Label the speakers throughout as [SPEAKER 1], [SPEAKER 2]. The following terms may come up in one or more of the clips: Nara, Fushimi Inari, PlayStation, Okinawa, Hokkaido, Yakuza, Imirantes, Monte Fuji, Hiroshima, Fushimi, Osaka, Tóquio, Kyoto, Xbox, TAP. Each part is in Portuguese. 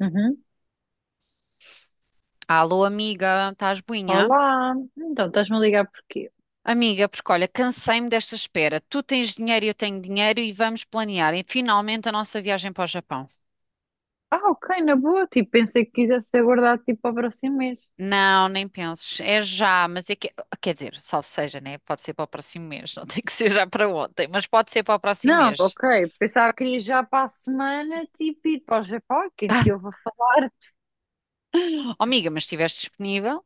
[SPEAKER 1] Uhum.
[SPEAKER 2] Alô, amiga, estás boinha?
[SPEAKER 1] Olá, então estás-me a ligar porquê?
[SPEAKER 2] Amiga, porque olha, cansei-me desta espera. Tu tens dinheiro e eu tenho dinheiro e vamos planear e, finalmente a nossa viagem para o Japão.
[SPEAKER 1] Ah, ok, na boa, tipo, pensei que quisesse ser guardado tipo para o próximo mês.
[SPEAKER 2] Não, nem penses. É já, mas é que. Quer dizer, salvo seja, né? Pode ser para o próximo mês. Não tem que ser já para ontem, mas pode ser para o próximo
[SPEAKER 1] Não,
[SPEAKER 2] mês.
[SPEAKER 1] ok, pensava que queria já para a semana, tipo, ir para o Japão, quem te ouve a falar.
[SPEAKER 2] Oh, amiga, mas estiveste disponível?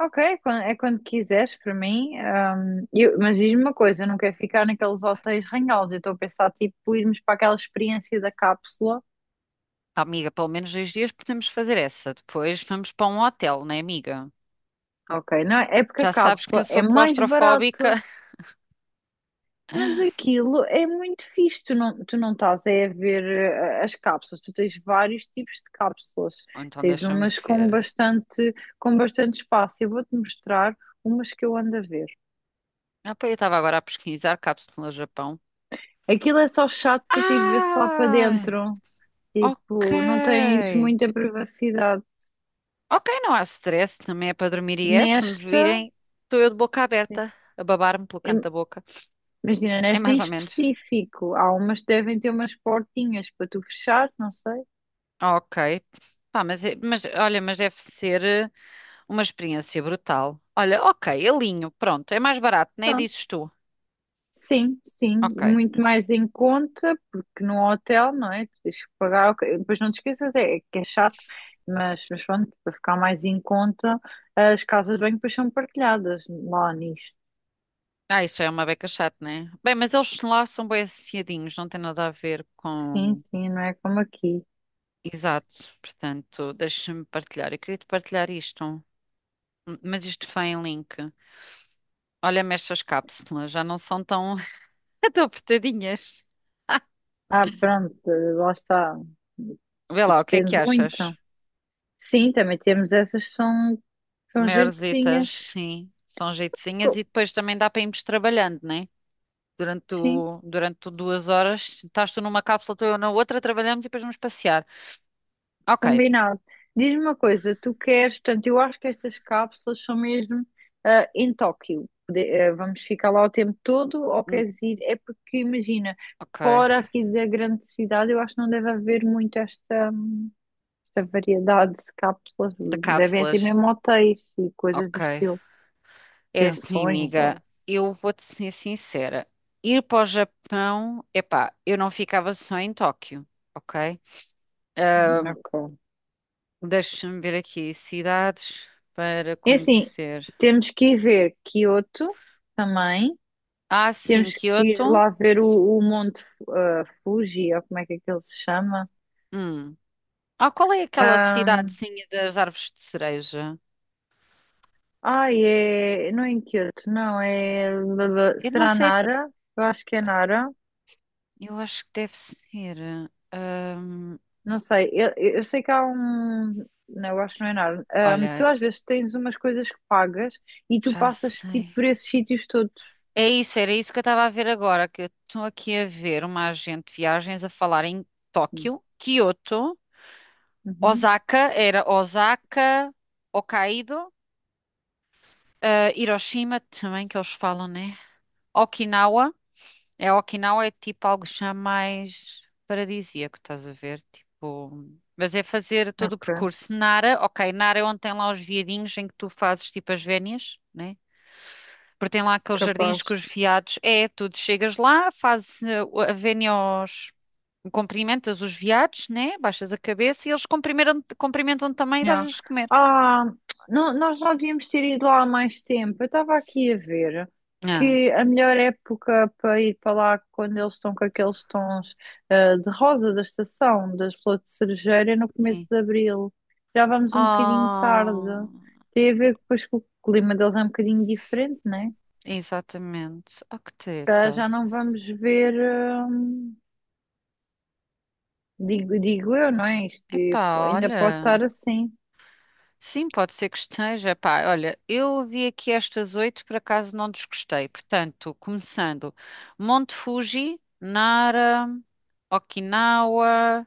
[SPEAKER 1] Ok, é é quando quiseres para mim. Mas diz-me uma coisa, eu não quero ficar naqueles hotéis ranhosos, eu estou a pensar, tipo, irmos para aquela experiência da cápsula.
[SPEAKER 2] Oh, amiga, pelo menos 2 dias podemos fazer essa. Depois vamos para um hotel, né, amiga?
[SPEAKER 1] Ok, não, é porque a
[SPEAKER 2] Já sabes que eu
[SPEAKER 1] cápsula é
[SPEAKER 2] sou
[SPEAKER 1] mais
[SPEAKER 2] claustrofóbica.
[SPEAKER 1] barato. Mas aquilo é muito fixe, tu não estás é a ver as cápsulas, tu tens vários tipos de cápsulas,
[SPEAKER 2] Então
[SPEAKER 1] tens
[SPEAKER 2] deixa-me
[SPEAKER 1] umas
[SPEAKER 2] ver.
[SPEAKER 1] com bastante espaço. Eu vou-te mostrar umas que eu ando a ver.
[SPEAKER 2] Ah, pá, eu estava agora a pesquisar cápsula Japão.
[SPEAKER 1] Aquilo é só chato por ti ver-se lá para
[SPEAKER 2] Ah,
[SPEAKER 1] dentro,
[SPEAKER 2] ok.
[SPEAKER 1] tipo, não tens muita privacidade.
[SPEAKER 2] Ok, não há stress, também é para dormir e é, se me
[SPEAKER 1] Nesta,
[SPEAKER 2] virem, estou eu de boca aberta,
[SPEAKER 1] sim.
[SPEAKER 2] a babar-me pelo canto
[SPEAKER 1] im-
[SPEAKER 2] da boca.
[SPEAKER 1] Imagina,
[SPEAKER 2] É
[SPEAKER 1] nesta em
[SPEAKER 2] mais ou menos.
[SPEAKER 1] específico, há umas que devem ter umas portinhas para tu fechar, não sei.
[SPEAKER 2] Ok. Pá, mas, é- mas olha, mas deve ser uma experiência brutal. Olha, ok, alinho, pronto, é mais barato, nem
[SPEAKER 1] Pronto.
[SPEAKER 2] dizes tu.
[SPEAKER 1] Sim, sim,
[SPEAKER 2] Ok.
[SPEAKER 1] muito mais em conta, porque no hotel, não é? Tu tens que pagar, ok, depois não te esqueças, é que é chato, mas pronto, para ficar mais em conta, as casas de banho depois são partilhadas lá nisto.
[SPEAKER 2] Ah, isso já é uma beca chata, né? Bem, mas eles lá são bem associadinhos, não tem nada a ver
[SPEAKER 1] Sim,
[SPEAKER 2] com.
[SPEAKER 1] sim, não é como aqui.
[SPEAKER 2] Exato, portanto, deixa-me partilhar. Eu queria te partilhar isto. M- Mas isto foi em link. Olha, mexe cápsulas, já não são tão, tão apertadinhas.
[SPEAKER 1] Ah, pronto, lá está.
[SPEAKER 2] Vê lá, o que é
[SPEAKER 1] Depende
[SPEAKER 2] que achas?
[SPEAKER 1] muito. Sim, também temos essas que são, são
[SPEAKER 2] Maiorzitas,
[SPEAKER 1] jeitozinhas.
[SPEAKER 2] sim, são jeitozinhas
[SPEAKER 1] Co-
[SPEAKER 2] e depois também dá para irmos trabalhando, né? Durante,
[SPEAKER 1] Sim.
[SPEAKER 2] o, durante o 2 horas, estás tu numa cápsula, estou eu na outra, trabalhamos e depois vamos passear. Ok,
[SPEAKER 1] Combinado. Diz-me uma coisa, tu queres, portanto, eu acho que estas cápsulas são mesmo em Tóquio. Vamos ficar lá o tempo todo ou
[SPEAKER 2] hum,
[SPEAKER 1] queres ir? É porque imagina,
[SPEAKER 2] ok,
[SPEAKER 1] fora aqui da grande cidade, eu acho que não deve haver muito esta, esta variedade de cápsulas.
[SPEAKER 2] de
[SPEAKER 1] Deve até
[SPEAKER 2] cápsulas,
[SPEAKER 1] mesmo hotéis e coisas do
[SPEAKER 2] ok.
[SPEAKER 1] estilo,
[SPEAKER 2] É assim,
[SPEAKER 1] pensões
[SPEAKER 2] amiga,
[SPEAKER 1] ou.
[SPEAKER 2] eu vou-te ser sincera. Ir para o Japão, epá, eu não ficava só em Tóquio, ok?
[SPEAKER 1] Ok.
[SPEAKER 2] Deixa-me ver aqui. Cidades para
[SPEAKER 1] É assim,
[SPEAKER 2] conhecer.
[SPEAKER 1] temos que ir ver Kyoto também.
[SPEAKER 2] Ah, sim,
[SPEAKER 1] Temos que ir
[SPEAKER 2] Kyoto.
[SPEAKER 1] lá ver o Monte Fuji, ou como é que ele se chama?
[SPEAKER 2] Hum. Ah, qual é aquela
[SPEAKER 1] Ahm,
[SPEAKER 2] cidadezinha das árvores de cereja?
[SPEAKER 1] Ai, é. Não é em Kyoto, não, é.
[SPEAKER 2] Eu não
[SPEAKER 1] Será
[SPEAKER 2] sei.
[SPEAKER 1] Nara? Eu acho que é Nara.
[SPEAKER 2] Eu acho que deve ser. hum,
[SPEAKER 1] Não sei, eu sei que há um. Não, eu acho que não é Nara. Tu
[SPEAKER 2] Olha,
[SPEAKER 1] às vezes tens umas coisas que pagas e tu
[SPEAKER 2] já
[SPEAKER 1] passas tipo
[SPEAKER 2] sei.
[SPEAKER 1] por esses sítios todos.
[SPEAKER 2] É isso, era isso que eu estava a ver agora, que eu estou aqui a ver uma agente de viagens a falar em Tóquio, Kyoto,
[SPEAKER 1] Uhum,
[SPEAKER 2] Osaka, era Osaka, Hokkaido, Hiroshima também que eles falam, né? Okinawa. É Okinawa é tipo algo já mais paradisíaco, estás a ver? Tipo, mas é fazer todo o
[SPEAKER 1] ok,
[SPEAKER 2] percurso. Nara, ok, Nara é onde tem lá os viadinhos em que tu fazes tipo as vénias, né? Porque tem lá aqueles jardins com
[SPEAKER 1] capaz.
[SPEAKER 2] os viados. É, tu chegas lá, fazes a vénia aos. Cumprimentas os viados, né? Baixas a cabeça e eles cumprimentam também e
[SPEAKER 1] Já.
[SPEAKER 2] dás-lhes de comer.
[SPEAKER 1] Ah, nós não devíamos ter ido lá há mais tempo. Eu estava aqui a ver
[SPEAKER 2] Ah,
[SPEAKER 1] que a melhor época para ir para lá quando eles estão com aqueles tons de rosa da estação, das flores de cerejeira, é no começo
[SPEAKER 2] sim.
[SPEAKER 1] de abril. Já vamos um bocadinho tarde.
[SPEAKER 2] Ah,
[SPEAKER 1] Tem a ver depois que o clima deles é um bocadinho diferente, né?
[SPEAKER 2] exatamente. Ah, que
[SPEAKER 1] Se calhar
[SPEAKER 2] teta.
[SPEAKER 1] já não vamos ver, ah, digo, digo eu, não é? Isto
[SPEAKER 2] Epá,
[SPEAKER 1] ainda pode
[SPEAKER 2] olha.
[SPEAKER 1] estar assim.
[SPEAKER 2] Sim, pode ser que esteja. Pá, olha, eu ouvi aqui estas oito, por acaso não desgostei. Portanto, começando: Monte Fuji, Nara, Okinawa,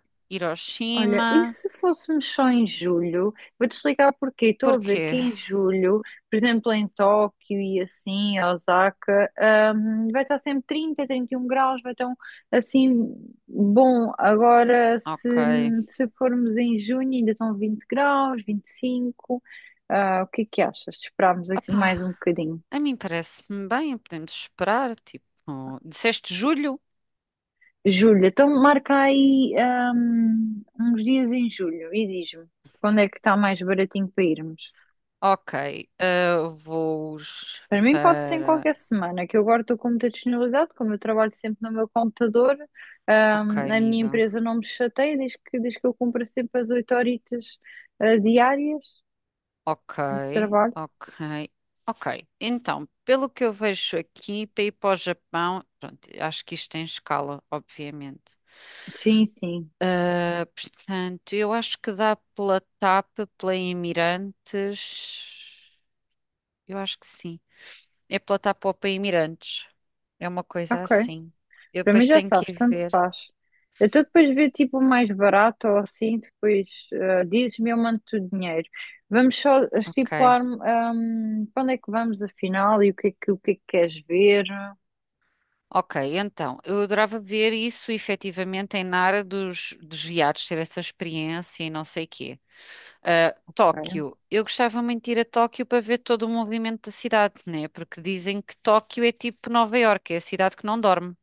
[SPEAKER 1] Olha, e
[SPEAKER 2] Hiroshima.
[SPEAKER 1] se fôssemos só em julho? Vou-te explicar porquê. Estou a ver
[SPEAKER 2] Porquê?
[SPEAKER 1] que em julho, por exemplo, em Tóquio e assim, em Osaka, vai estar sempre trinta trinta e um graus, vai estar assim bom. Agora,
[SPEAKER 2] Ok.
[SPEAKER 1] se formos em junho, ainda estão 20 graus, 25. Ah, o que é que achas? Esperámos aqui
[SPEAKER 2] Opá,
[SPEAKER 1] mais um bocadinho.
[SPEAKER 2] a mim parece-me bem, podemos esperar. Tipo, disseste julho?
[SPEAKER 1] Julho, então marca aí, uns dias em julho e diz-me quando é que está mais baratinho para irmos.
[SPEAKER 2] Ok. Vou
[SPEAKER 1] Para mim pode ser em
[SPEAKER 2] para.
[SPEAKER 1] qualquer semana, que eu agora estou com muita disponibilidade, como eu trabalho sempre no meu computador,
[SPEAKER 2] Ok,
[SPEAKER 1] a minha
[SPEAKER 2] amiga.
[SPEAKER 1] empresa não me chateia, diz que eu cumpro sempre as oito horitas, diárias
[SPEAKER 2] Ok,
[SPEAKER 1] de trabalho.
[SPEAKER 2] ok, ok. Então, pelo que eu vejo aqui, para ir para o Japão, pronto, acho que isto tem escala, obviamente.
[SPEAKER 1] Sim, sim,
[SPEAKER 2] Ah, portanto, eu acho que dá pela TAP, pela Imirantes. Eu acho que sim. É pela TAP ou pela Imirantes. É uma coisa
[SPEAKER 1] ok.
[SPEAKER 2] assim. Eu
[SPEAKER 1] Para mim
[SPEAKER 2] depois
[SPEAKER 1] já
[SPEAKER 2] tenho que
[SPEAKER 1] sabes,
[SPEAKER 2] ir
[SPEAKER 1] tanto
[SPEAKER 2] ver.
[SPEAKER 1] faz. Então depois vê tipo o mais barato ou assim, depois dizes-me, eu mando-te o dinheiro. Vamos só
[SPEAKER 2] Ok.
[SPEAKER 1] estipular, para onde é que vamos afinal e o que é que, o que é que queres ver.
[SPEAKER 2] Ok, então, eu adorava ver isso efetivamente em Nara dos viados, ter essa experiência e não sei o quê. Ah,
[SPEAKER 1] Ok,
[SPEAKER 2] Tóquio. Eu gostava muito de ir a Tóquio para ver todo o movimento da cidade, né? Porque dizem que Tóquio é tipo Nova Iorque, é a cidade que não dorme.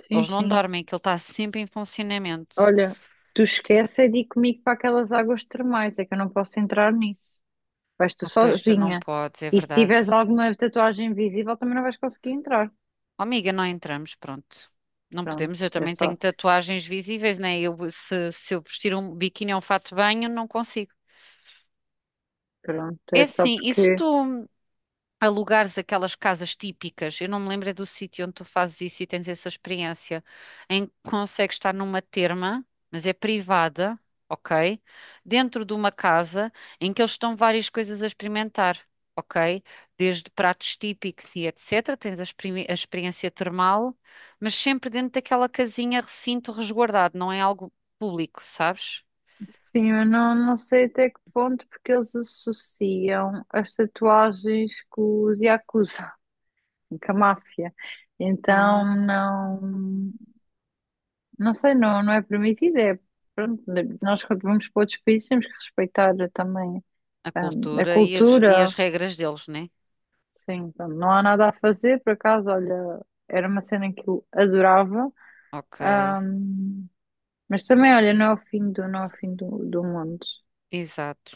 [SPEAKER 1] sim,
[SPEAKER 2] Eles não
[SPEAKER 1] sim.
[SPEAKER 2] dormem, que ele está sempre em funcionamento.
[SPEAKER 1] Olha, tu esquece é de ir comigo para aquelas águas termais, é que eu não posso entrar nisso. Vais tu
[SPEAKER 2] Ah, pois não
[SPEAKER 1] sozinha.
[SPEAKER 2] podes, é
[SPEAKER 1] E se
[SPEAKER 2] verdade.
[SPEAKER 1] tiveres alguma tatuagem invisível, também não vais conseguir entrar.
[SPEAKER 2] Oh, amiga, não entramos, pronto. Não
[SPEAKER 1] Pronto,
[SPEAKER 2] podemos, eu
[SPEAKER 1] é
[SPEAKER 2] também tenho
[SPEAKER 1] só,
[SPEAKER 2] tatuagens visíveis, né? Eu, se eu vestir um biquíni ou um fato de banho, não consigo.
[SPEAKER 1] pronto,
[SPEAKER 2] É
[SPEAKER 1] é só
[SPEAKER 2] assim, e se
[SPEAKER 1] porque,
[SPEAKER 2] tu, alugares aquelas casas típicas. Eu não me lembro é do sítio onde tu fazes isso e tens essa experiência, em que consegues estar numa terma, mas é privada, ok? Dentro de uma casa em que eles estão várias coisas a experimentar. Ok? Desde pratos típicos e etc. Tens a experiência termal, mas sempre dentro daquela casinha, recinto resguardado, não é algo público, sabes?
[SPEAKER 1] sim, eu não, não sei até que ponto, porque eles associam as tatuagens com os Yakuza, com a máfia. Então,
[SPEAKER 2] Ah,
[SPEAKER 1] não, não sei, não, não é permitido, é, pronto, nós quando vamos para outros países temos que respeitar também.
[SPEAKER 2] a
[SPEAKER 1] A
[SPEAKER 2] cultura e as
[SPEAKER 1] cultura,
[SPEAKER 2] regras deles, né?
[SPEAKER 1] sim, pronto, não há nada a fazer, por acaso, olha, era uma cena que eu adorava,
[SPEAKER 2] Ok.
[SPEAKER 1] ahm, mas também, olha, não é o fim do, não é o fim do, do mundo.
[SPEAKER 2] Exato.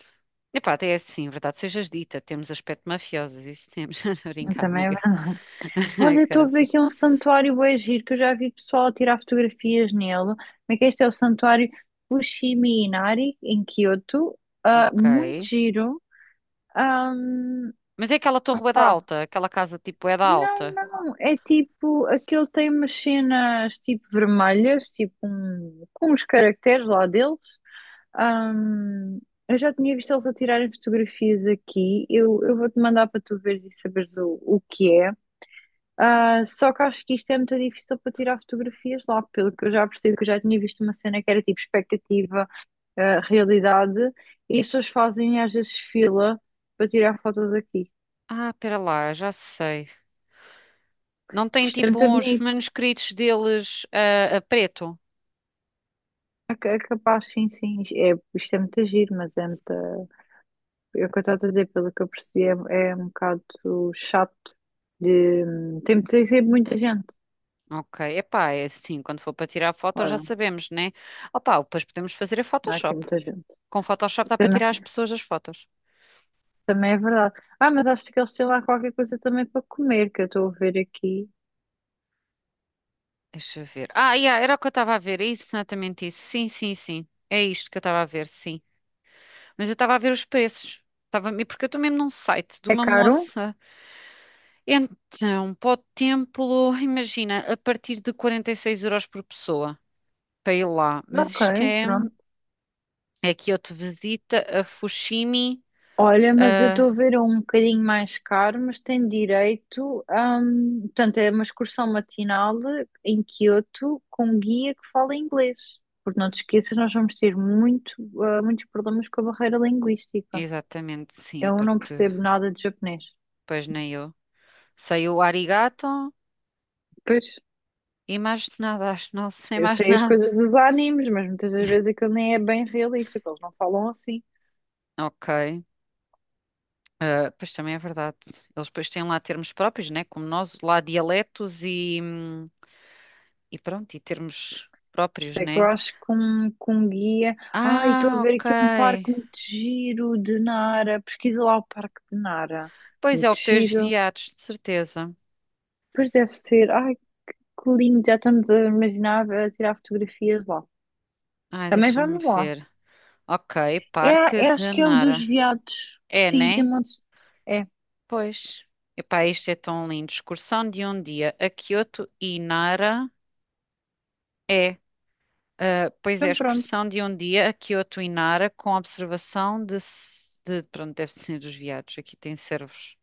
[SPEAKER 2] Epá, até é assim, verdade sejas dita, temos aspecto mafiosos, isso temos. Brinca,
[SPEAKER 1] Também é
[SPEAKER 2] amiga.
[SPEAKER 1] verdade.
[SPEAKER 2] Ai,
[SPEAKER 1] Olha, estou a ver
[SPEAKER 2] caraças.
[SPEAKER 1] aqui um santuário bué giro, que eu já vi pessoal a tirar fotografias nele. Como é que é, este é o santuário Fushimi Inari, em Kyoto? Ah,
[SPEAKER 2] Ok.
[SPEAKER 1] muito giro. Um,
[SPEAKER 2] Mas é aquela torre bué da alta, aquela casa tipo é da
[SPEAKER 1] não,
[SPEAKER 2] alta.
[SPEAKER 1] não, é tipo, aquele tem umas cenas tipo vermelhas, tipo um, com os caracteres lá deles. Ahm, eu já tinha visto eles a tirarem fotografias aqui. Eu vou-te mandar para tu veres e saberes o que é. Ah, só que acho que isto é muito difícil para tirar fotografias lá, pelo que eu já percebi, que eu já tinha visto uma cena que era tipo expectativa, ah, realidade, e as pessoas fazem às vezes fila para tirar fotos aqui.
[SPEAKER 2] Ah, pera lá, já sei. Não
[SPEAKER 1] Que
[SPEAKER 2] tem
[SPEAKER 1] isto é
[SPEAKER 2] tipo
[SPEAKER 1] muito
[SPEAKER 2] uns
[SPEAKER 1] bonito.
[SPEAKER 2] manuscritos deles a, preto?
[SPEAKER 1] É é capaz, sim, sim. É, isto é muito giro, mas é muito. É o que eu estou a dizer, pelo que eu percebi, é um bocado chato de. Tem de ser sempre muita gente.
[SPEAKER 2] Ok, epá, é assim, quando for para tirar a foto já
[SPEAKER 1] Olha,
[SPEAKER 2] sabemos, né? Opá, depois podemos fazer a
[SPEAKER 1] há aqui
[SPEAKER 2] Photoshop.
[SPEAKER 1] muita gente.
[SPEAKER 2] Com Photoshop dá para
[SPEAKER 1] Também,
[SPEAKER 2] tirar as pessoas das fotos.
[SPEAKER 1] também é verdade. Ah, mas acho que eles têm lá qualquer coisa também para comer, que eu estou a ver aqui.
[SPEAKER 2] Deixa eu ver. Ah, yeah, era o que eu estava a ver. É exatamente isso. Sim, sim, sim. É isto que eu estava a ver, sim. Mas eu estava a ver os preços. Estava... e porque eu estou mesmo num site de
[SPEAKER 1] É
[SPEAKER 2] uma
[SPEAKER 1] caro?
[SPEAKER 2] moça. Então, para o templo, imagina, a partir de 46 euros por pessoa para ir lá. Mas
[SPEAKER 1] Ok,
[SPEAKER 2] isto é,
[SPEAKER 1] pronto.
[SPEAKER 2] é Kyoto Visita, a Fushimi.
[SPEAKER 1] Olha, mas eu
[SPEAKER 2] A-
[SPEAKER 1] estou a ver um bocadinho mais caro, mas tem direito a, portanto, é uma excursão matinal em Quioto com um guia que fala inglês. Porque não te esqueças, nós vamos ter muito, muitos problemas com a barreira linguística.
[SPEAKER 2] Exatamente, sim,
[SPEAKER 1] Eu não
[SPEAKER 2] porque
[SPEAKER 1] percebo nada de japonês.
[SPEAKER 2] pois nem eu. Sei o arigato
[SPEAKER 1] Pois,
[SPEAKER 2] e mais nada, acho, não sei
[SPEAKER 1] eu
[SPEAKER 2] mais
[SPEAKER 1] sei as
[SPEAKER 2] nada.
[SPEAKER 1] coisas dos animes, mas muitas das vezes aquilo nem é bem realista, que eles não falam assim.
[SPEAKER 2] Ok. Ah, pois também é verdade. Eles depois têm lá termos próprios, né? Como nós, lá dialetos e pronto, e termos
[SPEAKER 1] Por
[SPEAKER 2] próprios,
[SPEAKER 1] isso é que eu
[SPEAKER 2] né?
[SPEAKER 1] acho que que um guia. Ai, estou a
[SPEAKER 2] Ah,
[SPEAKER 1] ver aqui um
[SPEAKER 2] ok.
[SPEAKER 1] parque muito giro de Nara. Pesquisa lá o parque de Nara.
[SPEAKER 2] Pois é o
[SPEAKER 1] Muito
[SPEAKER 2] que tens
[SPEAKER 1] giro.
[SPEAKER 2] viados, de certeza.
[SPEAKER 1] Pois deve ser. Ai, que lindo. Já estamos a imaginar a tirar fotografias lá.
[SPEAKER 2] Ai,
[SPEAKER 1] Também
[SPEAKER 2] deixa-me
[SPEAKER 1] vamos lá.
[SPEAKER 2] ver. Ok, Parque
[SPEAKER 1] É, é, acho
[SPEAKER 2] de
[SPEAKER 1] que é o
[SPEAKER 2] Nara.
[SPEAKER 1] dos veados.
[SPEAKER 2] É,
[SPEAKER 1] Sim, tem
[SPEAKER 2] né?
[SPEAKER 1] muitos. É,
[SPEAKER 2] Pois. Epá, isto é tão lindo. Excursão de um dia a Kyoto e Nara. É pois é,
[SPEAKER 1] então pronto.
[SPEAKER 2] excursão de um dia a Kyoto e Nara com observação de, pronto, deve ser dos viados. Aqui tem servos.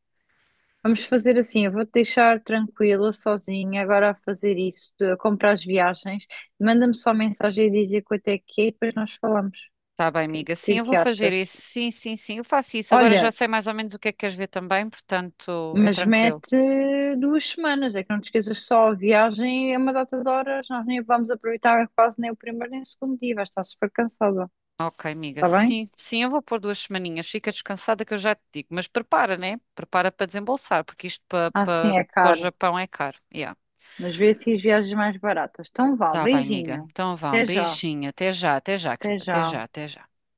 [SPEAKER 1] Vamos fazer assim. Eu vou-te deixar tranquila, sozinha, agora a fazer isso, a comprar as viagens. Manda-me só mensagem a dizer quanto é que é e depois nós falamos.
[SPEAKER 2] Tá bem,
[SPEAKER 1] O que, é
[SPEAKER 2] amiga. Sim, eu
[SPEAKER 1] que
[SPEAKER 2] vou fazer
[SPEAKER 1] achas?
[SPEAKER 2] isso. Sim, sim, sim. Eu faço isso. Agora já
[SPEAKER 1] Olha,
[SPEAKER 2] sei mais ou menos o que é que queres ver também, portanto, é
[SPEAKER 1] mas
[SPEAKER 2] tranquilo.
[SPEAKER 1] mete duas semanas, é que não te esqueças que só a viagem é uma data de horas, nós nem vamos aproveitar quase nem o primeiro nem o segundo dia, vais estar super cansada,
[SPEAKER 2] Ok, amiga.
[SPEAKER 1] está bem?
[SPEAKER 2] Sim, sim, eu vou pôr duas semaninhas. Fica descansada que eu já te digo. Mas prepara, né? Prepara para desembolsar, porque isto
[SPEAKER 1] Ah, sim, é
[SPEAKER 2] para o
[SPEAKER 1] caro,
[SPEAKER 2] Japão é caro. Yeah.
[SPEAKER 1] mas vê se as viagens mais baratas. Então vá,
[SPEAKER 2] Tá bem, amiga.
[SPEAKER 1] beijinho,
[SPEAKER 2] Então vá, um
[SPEAKER 1] até já,
[SPEAKER 2] beijinho. Até já,
[SPEAKER 1] até
[SPEAKER 2] querida. Até
[SPEAKER 1] já.
[SPEAKER 2] já, até já.